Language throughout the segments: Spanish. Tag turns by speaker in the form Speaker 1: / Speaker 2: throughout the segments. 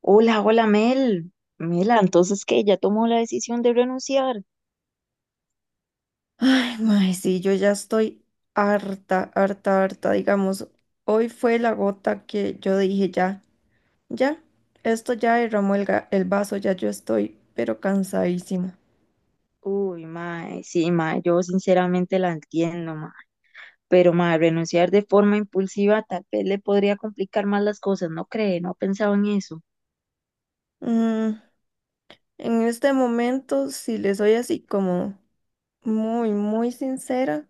Speaker 1: Hola, hola Mel. Mela, entonces que ya tomó la decisión de renunciar.
Speaker 2: Ay, mae, sí, yo ya estoy harta, harta, harta. Digamos, hoy fue la gota que yo dije ya, ya, esto ya derramó el vaso, ya yo estoy, pero cansadísima.
Speaker 1: Uy, mae, sí, mae, yo sinceramente la entiendo, mae. Pero mae, renunciar de forma impulsiva tal vez le podría complicar más las cosas, ¿no cree? ¿No ha pensado en eso?
Speaker 2: Mm, en este momento, si le soy así como muy, muy sincera,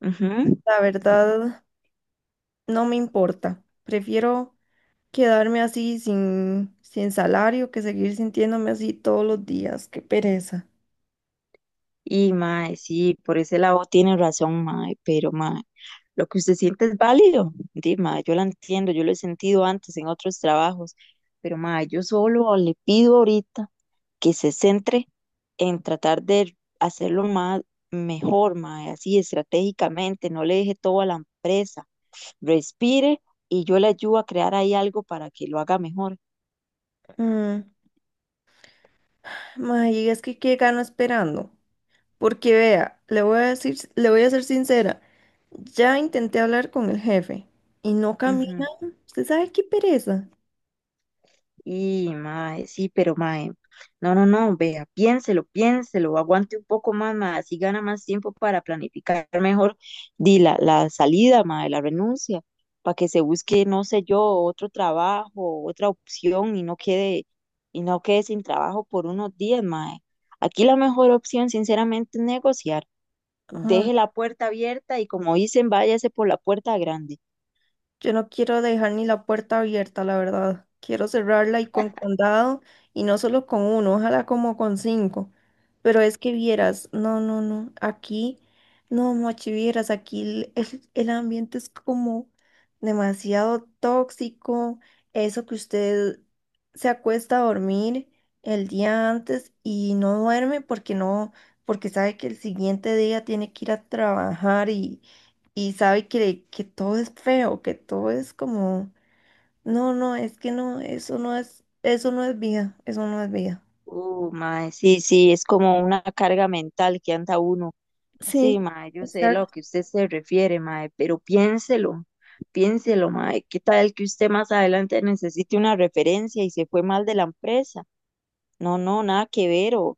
Speaker 1: Ujú.
Speaker 2: la verdad no me importa. Prefiero quedarme así sin salario que seguir sintiéndome así todos los días. Qué pereza.
Speaker 1: Y mae, sí, por ese lado tiene razón, mae, pero mae, lo que usted siente es válido. Di, mae, yo la entiendo, yo lo he sentido antes en otros trabajos, pero mae, yo solo le pido ahorita que se centre en tratar de hacerlo más mejor, mae, así estratégicamente, no le deje todo a la empresa. Respire y yo le ayudo a crear ahí algo para que lo haga mejor.
Speaker 2: Mm, Mae, es que qué gano esperando. Porque vea, le voy a decir, le voy a ser sincera. Ya intenté hablar con el jefe y no camina. ¿Usted sabe qué pereza?
Speaker 1: Y, mae, sí, pero mae, no, no, no, vea, piénselo, piénselo, aguante un poco más, mae, así gana más tiempo para planificar mejor di, la salida, mae, la renuncia, para que se busque, no sé yo, otro trabajo, otra opción y no quede sin trabajo por unos días, mae. Aquí la mejor opción, sinceramente, es negociar. Deje la puerta abierta y como dicen, váyase por la puerta grande.
Speaker 2: Yo no quiero dejar ni la puerta abierta, la verdad. Quiero cerrarla y con candado, y no solo con uno, ojalá como con 5. Pero es que vieras, no, no, no, aquí, no, machi, vieras, aquí el ambiente es como demasiado tóxico. Eso que usted se acuesta a dormir el día antes y no duerme porque no, porque sabe que el siguiente día tiene que ir a trabajar y sabe que, que todo es feo, que todo es como, no, no, es que no, eso no es vida, eso no es vida.
Speaker 1: Mae, sí, sí, es como una carga mental que anda uno.
Speaker 2: Sí,
Speaker 1: Sí, mae, yo sé lo
Speaker 2: exacto.
Speaker 1: que usted se refiere, mae, pero piénselo, piénselo, mae, ¿qué tal que usted más adelante necesite una referencia y se fue mal de la empresa? No, no, nada que ver,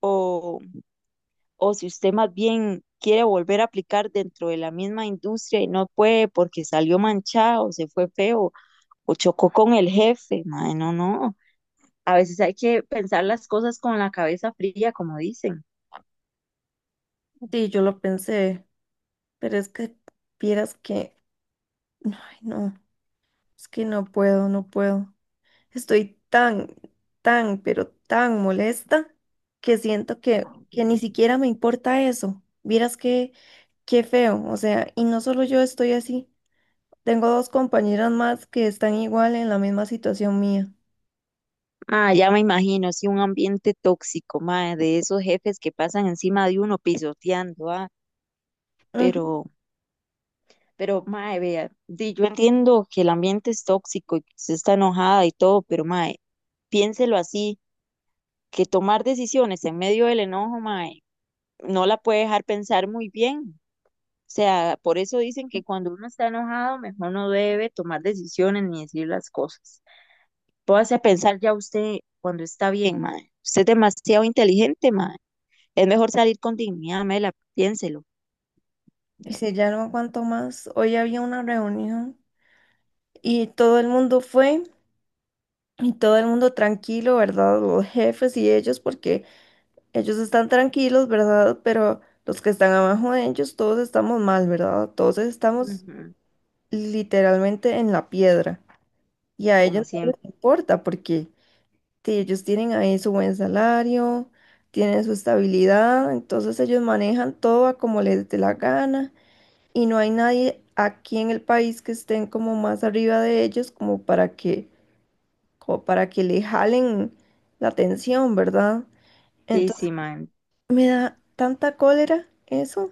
Speaker 1: o, o si usted más bien quiere volver a aplicar dentro de la misma industria y no puede porque salió manchado, se fue feo, o chocó con el jefe, mae, no, no, a veces hay que pensar las cosas con la cabeza fría, como dicen.
Speaker 2: Sí, yo lo pensé, pero es que vieras que, ay, no, es que no puedo, no puedo. Estoy tan, tan, pero tan molesta que siento que ni siquiera me importa eso. Vieras que, qué feo, o sea, y no solo yo estoy así. Tengo dos compañeras más que están igual en la misma situación mía.
Speaker 1: Ah, ya me imagino, sí, un ambiente tóxico, mae, de esos jefes que pasan encima de uno pisoteando, ah,
Speaker 2: Ujú.
Speaker 1: pero, pero, mae, vea, di, yo entiendo que el ambiente es tóxico y que usted está enojada y todo, pero, mae, piénselo así, que tomar decisiones en medio del enojo, mae, no la puede dejar pensar muy bien. O sea, por eso dicen que cuando uno está enojado, mejor no debe tomar decisiones ni decir las cosas. Póngase a pensar ya usted cuando está bien, mae. Usted es demasiado inteligente, mae. Es mejor salir con dignidad, Mela, piénselo.
Speaker 2: Y si ya no aguanto más, hoy había una reunión y todo el mundo fue y todo el mundo tranquilo, ¿verdad? Los jefes y ellos, porque ellos están tranquilos, ¿verdad? Pero los que están abajo de ellos, todos estamos mal, ¿verdad? Todos estamos
Speaker 1: Ujú.
Speaker 2: literalmente en la piedra y a ellos
Speaker 1: Como
Speaker 2: no les
Speaker 1: siempre.
Speaker 2: importa porque. Sí, ellos tienen ahí su buen salario, tienen su estabilidad, entonces ellos manejan todo a como les dé la gana y no hay nadie aquí en el país que estén como más arriba de ellos como para que le jalen la atención, ¿verdad?
Speaker 1: Sí,
Speaker 2: Entonces
Speaker 1: sí, mae.
Speaker 2: me da tanta cólera eso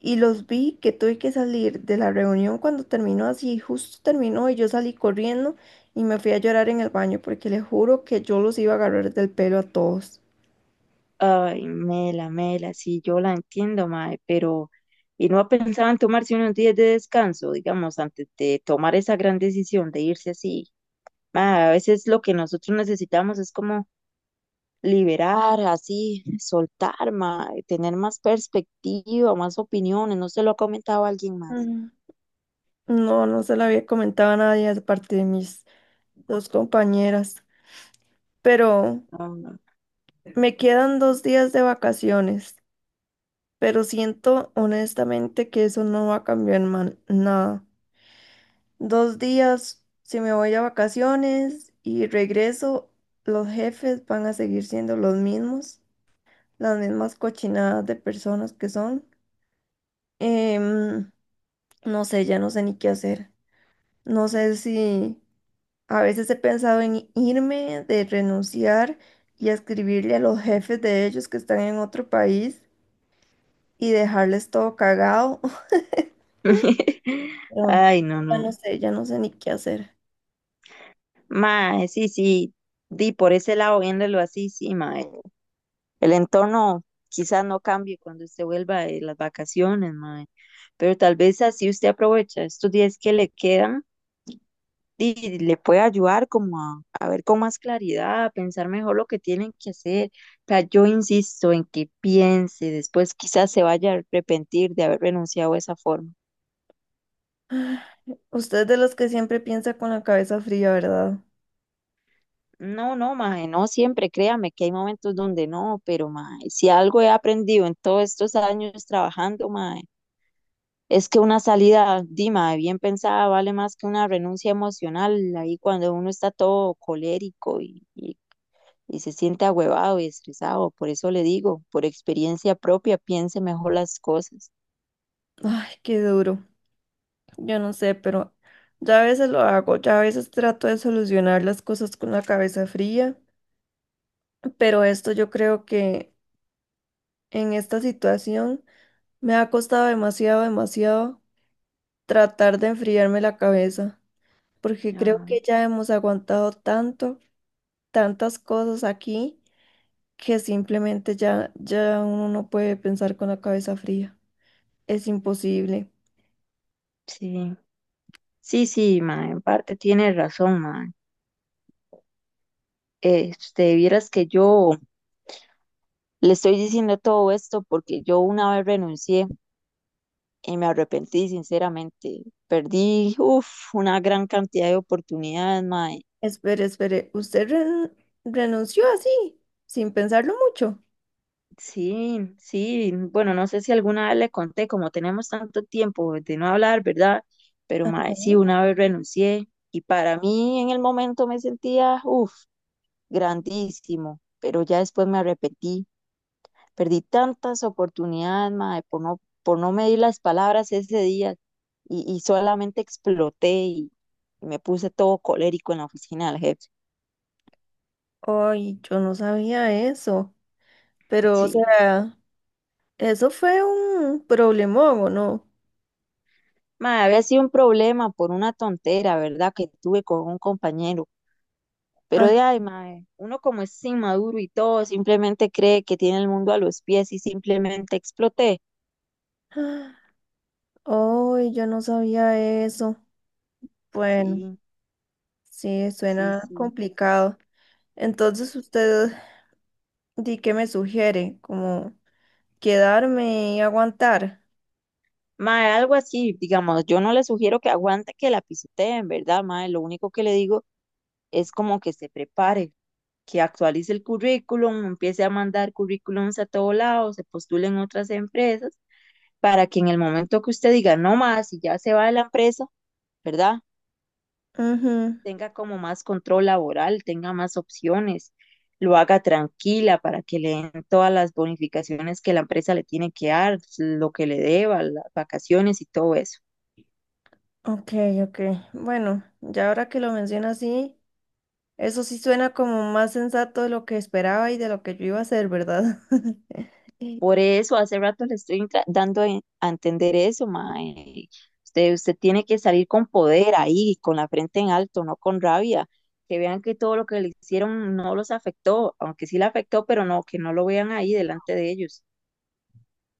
Speaker 2: y los vi que tuve que salir de la reunión cuando terminó así, justo terminó y yo salí corriendo y me fui a llorar en el baño porque les juro que yo los iba a agarrar del pelo a todos.
Speaker 1: Ay, Mela, Mela, sí, yo la entiendo, mae, pero ¿y no pensaban tomarse unos días de descanso, digamos, antes de tomar esa gran decisión de irse así? Mae, a veces lo que nosotros necesitamos es como liberar, así, soltar más, tener más perspectiva, más opiniones, ¿no se lo ha comentado alguien más?
Speaker 2: Mm, No, no se la había comentado a nadie aparte de mis 2 compañeras, pero
Speaker 1: No, no.
Speaker 2: me quedan 2 días de vacaciones, pero siento honestamente que eso no va a cambiar nada. Dos días, si me voy a vacaciones y regreso, los jefes van a seguir siendo los mismos, las mismas cochinadas de personas que son. Em, no sé, ya no sé ni qué hacer. No sé si... A veces he pensado en irme, de renunciar y escribirle a los jefes de ellos que están en otro país y dejarles todo cagado. Pero
Speaker 1: Ay, no,
Speaker 2: ya
Speaker 1: no.
Speaker 2: no sé, ya no sé ni qué hacer.
Speaker 1: Mae, sí, sí, di por ese lado, viéndolo así, sí, mae. El entorno quizás no cambie cuando usted vuelva de las vacaciones, mae, pero tal vez así usted aprovecha estos días que le quedan y le puede ayudar como a, ver con más claridad, a pensar mejor lo que tienen que hacer. O sea, yo insisto en que piense, después quizás se vaya a arrepentir de haber renunciado de esa forma.
Speaker 2: Usted es de los que siempre piensa con la cabeza fría, ¿verdad?
Speaker 1: No, no, maje, no siempre, créame que hay momentos donde no, pero maje, si algo he aprendido en todos estos años trabajando, maje, es que una salida, dima, bien pensada vale más que una renuncia emocional ahí cuando uno está todo colérico y se siente ahuevado y estresado. Por eso le digo, por experiencia propia, piense mejor las cosas.
Speaker 2: Ay, qué duro. Yo no sé, pero ya a veces lo hago, ya a veces trato de solucionar las cosas con la cabeza fría, pero esto yo creo que en esta situación me ha costado demasiado, demasiado tratar de enfriarme la cabeza, porque creo
Speaker 1: Ah,
Speaker 2: que ya hemos aguantado tanto, tantas cosas aquí, que simplemente ya uno no puede pensar con la cabeza fría. Es imposible.
Speaker 1: sí. Sí, sí, ma, en parte tiene razón, ma. Vieras que yo le estoy diciendo todo esto porque yo una vez renuncié y me arrepentí sinceramente. Perdí, uf, una gran cantidad de oportunidades, ma.
Speaker 2: Espere, espere, ¿usted renunció así, sin pensarlo mucho?
Speaker 1: Sí, sí, bueno, no sé si alguna vez le conté, como tenemos tanto tiempo de no hablar, ¿verdad? Pero mae, sí, una vez renuncié y para mí en el momento me sentía, uff, grandísimo, pero ya después me arrepentí, perdí tantas oportunidades, mae, por no medir las palabras ese día y solamente exploté y me puse todo colérico en la oficina del jefe.
Speaker 2: Ay, yo no sabía eso, pero o
Speaker 1: Sí,
Speaker 2: sea, eso fue un problemón, ¿o no?
Speaker 1: mae, había sido un problema por una tontera, ¿verdad? Que tuve con un compañero. Pero de ahí, mae, uno como es inmaduro y todo, simplemente cree que tiene el mundo a los pies y simplemente exploté.
Speaker 2: Ah. Oh, yo no sabía eso. Bueno,
Speaker 1: Sí,
Speaker 2: sí,
Speaker 1: sí,
Speaker 2: suena
Speaker 1: sí.
Speaker 2: complicado. Entonces, usted, ¿di qué me sugiere? ¿Como quedarme y aguantar?
Speaker 1: Mae, algo así, digamos, yo no le sugiero que aguante que la pisoteen, ¿verdad, mae? Lo único que le digo es como que se prepare, que actualice el currículum, empiece a mandar currículums a todos lados, se postule en otras empresas, para que en el momento que usted diga, no más, y ya se va de la empresa, ¿verdad?
Speaker 2: Ujú.
Speaker 1: Tenga como más control laboral, tenga más opciones, lo haga tranquila para que le den todas las bonificaciones que la empresa le tiene que dar, lo que le deba, las vacaciones y todo eso.
Speaker 2: Ok, ok. Bueno, ya ahora que lo menciona así, eso sí suena como más sensato de lo que esperaba y de lo que yo iba a hacer, ¿verdad?
Speaker 1: Por eso hace rato le estoy dando a entender eso, mae. Usted tiene que salir con poder ahí, con la frente en alto, no con rabia. Que vean que todo lo que le hicieron no los afectó, aunque sí le afectó, pero no, que no lo vean ahí delante de ellos.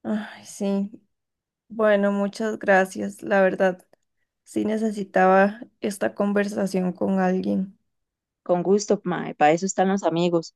Speaker 2: Ay, sí. Bueno, muchas gracias. La verdad, sí necesitaba esta conversación con alguien.
Speaker 1: Con gusto, mae, para eso están los amigos.